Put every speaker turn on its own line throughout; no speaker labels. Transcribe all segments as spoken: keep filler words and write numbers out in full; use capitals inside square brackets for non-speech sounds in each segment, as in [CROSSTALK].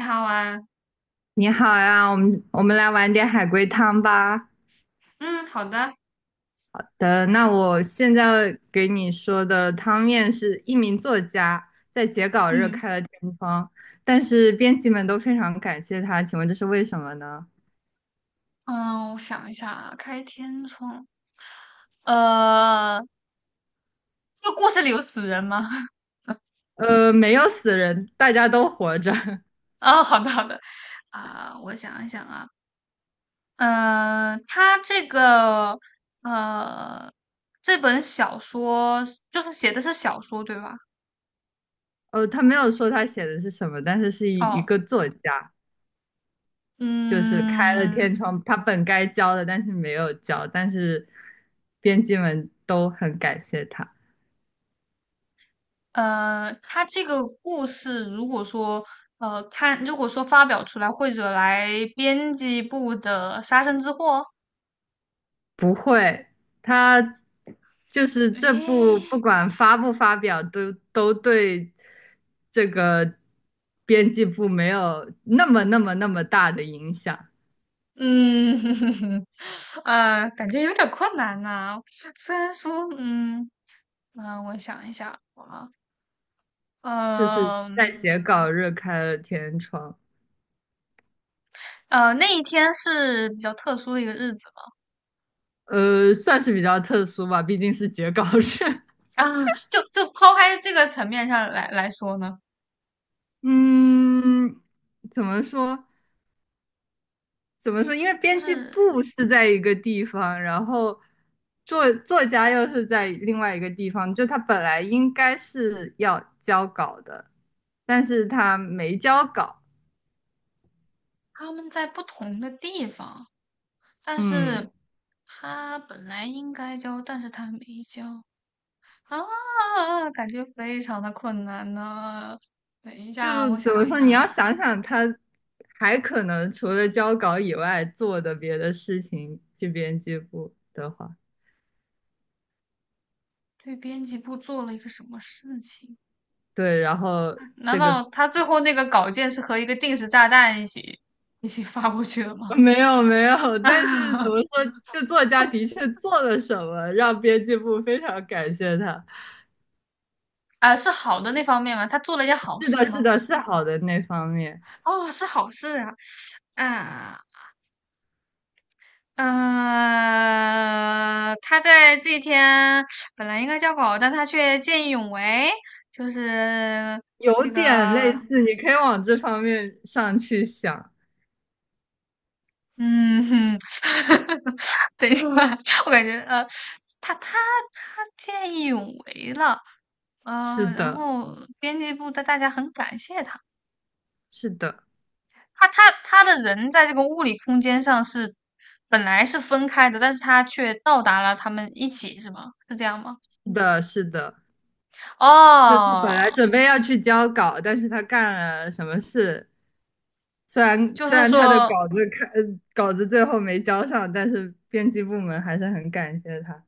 你好啊。
你好呀，我们我们来玩点海龟汤吧。
嗯，好的。
的，那我现在给你说的汤面是一名作家在截稿日
嗯
开了天窗，但是编辑们都非常感谢他，请问这是为什么呢？
嗯，我想一下啊。开天窗，呃，这个故事里有死人吗？[LAUGHS]
呃，没有死人，大家都活着。[LAUGHS]
哦，好的，好的。啊，我想一想啊。嗯、呃，他这个，呃，这本小说，就是写的是小说对吧？
呃，他没有说他写的是什么，但是是一一
哦。
个作家，就是开了
嗯
天窗，他本该交的，但是没有交，但是编辑们都很感谢他。
呃，他这个故事如果说，呃看，如果说发表出来会惹来编辑部的杀身之祸。
不会，他就是
[LAUGHS]
这部
哎。
不管发不发表，都都对这个编辑部没有那么那么那么大的影响，
嗯。[LAUGHS] 啊，感觉有点困难呐，虽然说，嗯，啊，我想一下啊，
就是在
嗯，
截稿日开了天窗，
呃，那一天是比较特殊的一个日子。
呃，算是比较特殊吧，毕竟是截稿日。[LAUGHS]
啊，就就抛开这个层面上来来说呢，
嗯，怎么说？怎么说？因为
就
编辑
是
部是在一个地方，然后作作家又是在另外一个地方，就他本来应该是要交稿的，但是他没交稿。
他们在不同的地方，但
嗯，
是他本来应该交，但是他没交。啊，感觉非常的困难呢，等一
就
下，我
怎么
想一
说？你
下。
要想想他还可能除了交稿以外做的别的事情，去编辑部的话，
对编辑部做了一个什么事情？
对，然后
难
这个。
道他最后那个稿件是和一个定时炸弹一起一起发过去的吗？
[LAUGHS] 没有没有，
[LAUGHS]
但是怎
啊。
么说，这作家的确做了什么，让编辑部非常感谢他。
啊，是好的那方面吗？他做了一件好
是
事
的，是
吗？
的，是好的那方面，
哦，是好事啊。啊。呃，他在这一天本来应该交稿，但他却见义勇为，就是
有
这
点类
个，
似，你可以往这方面上去想。
嗯哼。[LAUGHS] 等一下，我感觉，呃，他他他见义勇为了。
是
呃，然
的，
后编辑部的大家很感谢他。
是的，
他他他的人在这个物理空间上是本来是分开的，但是他却到达了他们一起，是吗？是这样吗？
是的，是的。就他本
哦。
来准备要去交稿，但是他干了什么事？虽然
就
虽
是
然他的
说，
稿子看，呃稿子最后没交上，但是编辑部门还是很感谢他。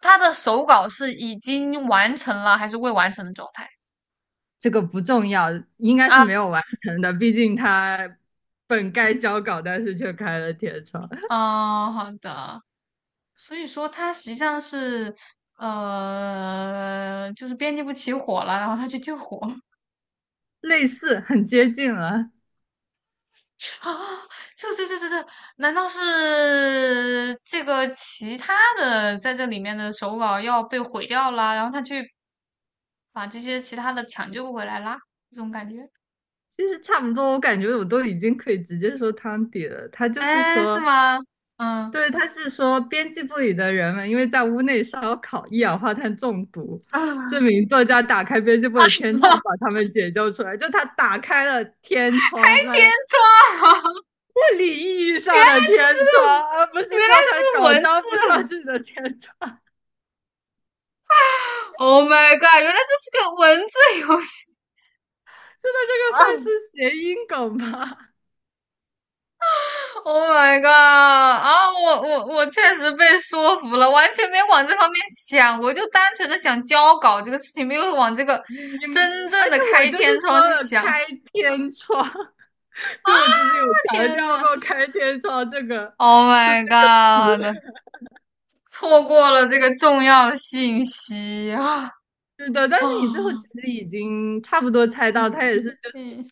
他的手稿是已经完成了还是未完成的状态
这个不重要，应该是
啊？
没有完成的，毕竟他本该交稿，但是却开了天窗，[LAUGHS]
哦，好的。所以说他实际上是，呃，就是编辑部起火了，然后他去救火。
类似，很接近了。
[LAUGHS] 啊，这这这这这，难道是这个其他的在这里面的手稿要被毁掉了，然后他去把这些其他的抢救回来啦？这种感觉。
其实差不多，我感觉我都已经可以直接说汤底了。他就是
哎，是
说，
吗？嗯。
对，他是说编辑部里的人们因为在屋内烧烤，一氧化碳中毒。这
啊
名作家打开编辑部
啊！[LAUGHS]
的
什
天
么？
窗，把他们解救出来。就他打开了天
开
窗，来
天
物
窗？
理意义
原
上
来
的天
这是
窗，
个，
而不
原
是说
来
他
是
搞
文
交不上
字。
去的天窗。
Oh my god！原来这是个文字游戏。
真的，这个算是谐音梗吧？
Oh my god！啊，我我我确实被说服了，完全没往这方面想，我就单纯的想交稿这个事情，没有往这个
你你，
真正
而且
的
我
开
就
天
是
窗
说
去
了
想。啊，
开天窗。就我其实有强
天
调
呐，
过开天窗这个
o h
这个
my
词，
god！错过了这个重要信息啊。
是的，但是你最后
啊！
其实已经差不多猜到，
嗯
他也是
嗯。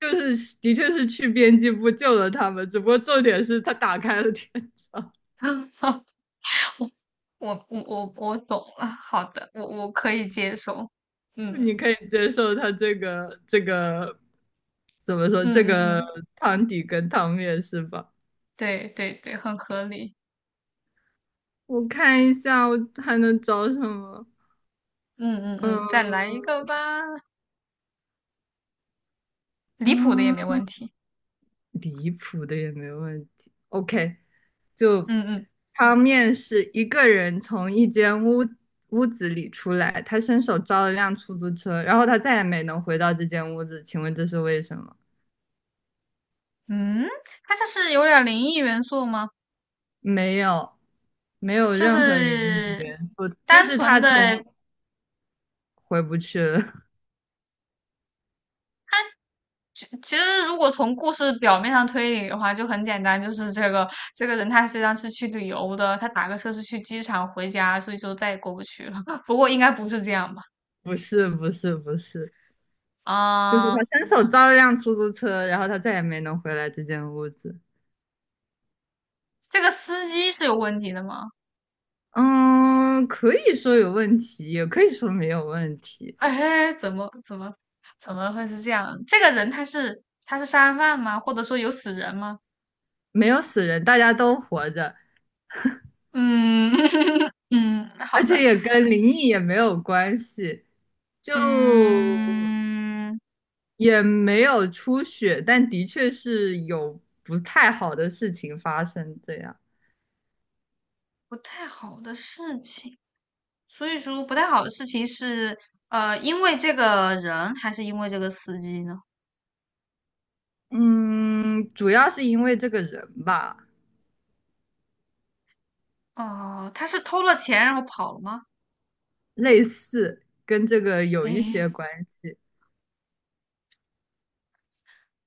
就就是的确是去编辑部救了他们，只不过重点是他打开了天窗，
啊，我我我我懂了，好的，我我可以接受。嗯
你可以接受他这个这个怎么说
嗯
这
嗯，
个
嗯。
汤底跟汤面是吧？
对，对，对，很合理。
我看一下我还能找什么，
嗯嗯嗯，再来一
嗯
个吧。离谱的也没
嗯，
问题。
离谱的也没问题，OK。就
嗯嗯
他面试一个人从一间屋屋子里出来，他伸手招了辆出租车，然后他再也没能回到这间屋子。请问这是为什么？
嗯。他这是有点灵异元素吗？
没有，没有
就
任何灵异
是
元素，就
单
是
纯
他从
的。
回不去了。
就其实如果从故事表面上推理的话，就很简单，就是这个，这个人他实际上是去旅游的，他打个车是去机场回家，所以就再也过不去了。[LAUGHS] 不过应该不是这样吧？
[LAUGHS] 不是，不是，不是，就是他
啊，
伸手招了辆出租车，然后他再也没能回来这间屋子。
这个司机是有问题的吗？
嗯，可以说有问题，也可以说没有问
[LAUGHS]
题。
哎，怎么怎么怎么会是这样？这个人他是他是杀人犯吗？或者说有死人吗？
没有死人，大家都活着。
嗯。 [LAUGHS] 嗯，好
而且
的。
也跟灵异也没有关系，就
嗯，
也没有出血，但的确是有不太好的事情发生。这样，
不太好的事情，所以说不太好的事情是，呃，因为这个人还是因为这个司机呢？
嗯，主要是因为这个人吧，
哦，他是偷了钱然后跑了吗？
类似跟这个有一
诶，
些关系。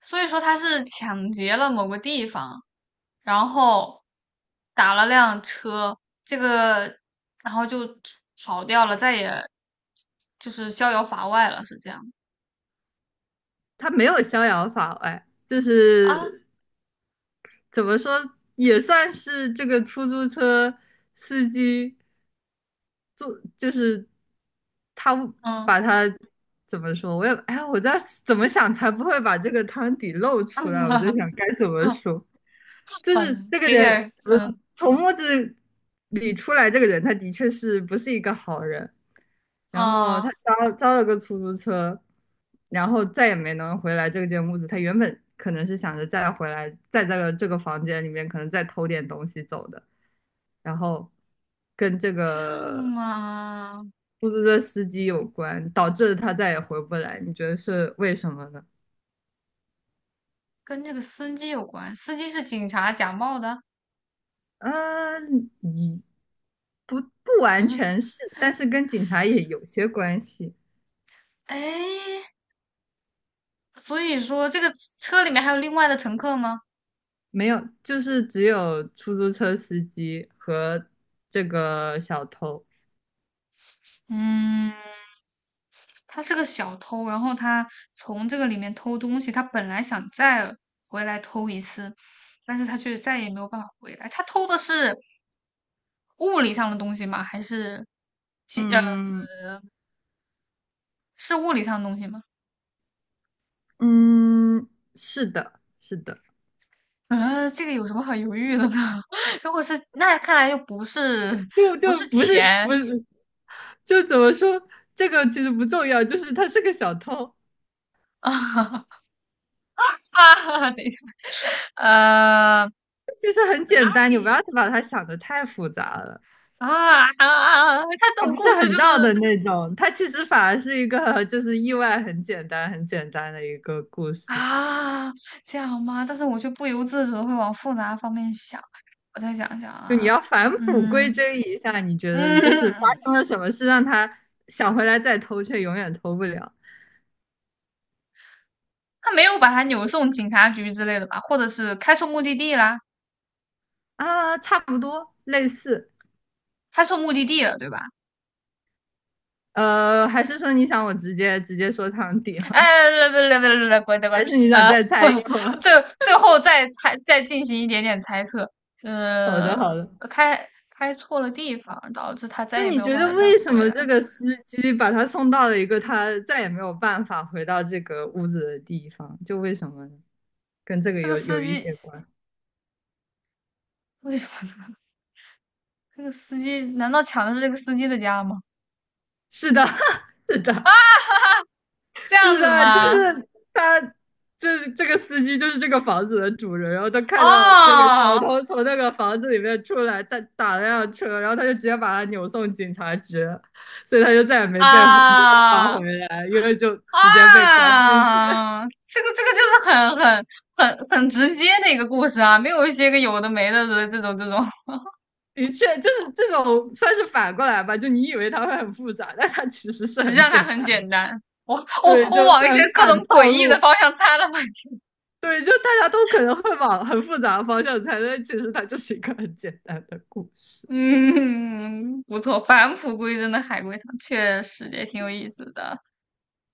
所以说他是抢劫了某个地方，然后打了辆车，这个，然后就跑掉了，再也就是逍遥法外了，是这样
他没有逍遥法外，就
啊？
是怎么说，也算是这个出租车司机做，就是他
嗯
把他怎么说，我也哎，我在怎么想才不会把这个汤底露出
嗯。
来，我在
[LAUGHS]
想该怎么说，就是
嗯，
这个
给点
人，
儿嗯，
从木子里出来这个人，他的确是不是一个好人。然后他
啊，
招招了个出租车，然后再也没能回来这间屋子。他原本可能是想着再回来，再在这个这个房间里面可能再偷点东西走的，然后跟这
这样
个
嘛。
出租车司机有关，导致他再也回不来。你觉得是为什么呢？
跟这个司机有关，司机是警察假冒的。
嗯，你不不完全是，但是跟警察也有些关系。
哎，所以说这个车里面还有另外的乘客吗？
没有，就是只有出租车司机和这个小偷。
嗯，他是个小偷，然后他从这个里面偷东西，他本来想再回来偷一次，但是他却再也没有办法回来。他偷的是物理上的东西吗？还是，技
嗯，
呃，是物理上的东西吗？
嗯，是的，是的，
呃，这个有什么好犹豫的呢？[LAUGHS] 如果是那看来又不是，
就
不
就
是
不是
钱
不是，就怎么说，这个其实不重要，就是他是个小偷，
啊。 [LAUGHS]，啊！等一下，呃，
其实很
本来
简单，
可
你不
以
要把它想的太复杂了，
啊。啊啊，他这
他
种
不是
故事
很
就是
绕的那种，他其实反而是一个就是意外很简单很简单的一个故事。
啊，这样吗？但是我却不由自主的会往复杂方面想。我再想想
就你
啊。
要返璞归
嗯
真一下，你觉得
嗯。
就是发
[LAUGHS]
生了什么事让他想回来再偷，却永远偷不了
他没有把他扭送警察局之类的吧？或者是开错目的地啦，
啊？差不多类似，
开错目的地了，对吧？
呃，还是说你想我直接直接说汤底吗？
哎，来来来来来，过来过来。
还是你想
啊，
再猜一会儿？
最最后再猜，再进行一点点猜测。
[LAUGHS] 好的，
呃，
好的。
开开错了地方，导致他再
就
也没
你
有
觉
办
得
法再
为什
回
么
来。
这个司机把他送到了一个他再也没有办法回到这个屋子的地方？就为什么呢？跟这个
这个
有
司
有一
机
些关。
为什么呢？这个司机难道抢的是这个司机的家吗？
是的，[LAUGHS] 是
啊。[LAUGHS]
的。
哈哈，这样
是
子
的，就
吗？
是他，就是这个司机，就是这个房子的主人。然后他看到那个小
哦。
偷从那个房子里面出来，他打了辆车，然后他就直接把他扭送警察局，所以他就再也没被没办法
啊
回来，因为就直接被关进去。
啊，这个这个就是很很很很直接的一个故事啊，没有一些个有的没的的这种这种。
的确，就是这种算是反过来吧，就你以为它会很复杂，但它其实是
实际
很
上
简
它很
单。
简单。我我
对，
我
就
往一些
算
各种
反
诡
套
异的
路，
方向猜了半天。
对，就大家都可能会往很复杂的方向猜，但其实它就是一个很简单的故
[LAUGHS]
事。
嗯，不错，返璞归真的海龟汤确实也挺有意思的。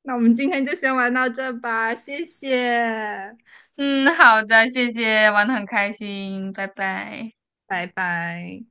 那我们今天就先玩到这吧，谢谢，
嗯，好的，谢谢，玩的很开心，拜拜。
拜拜。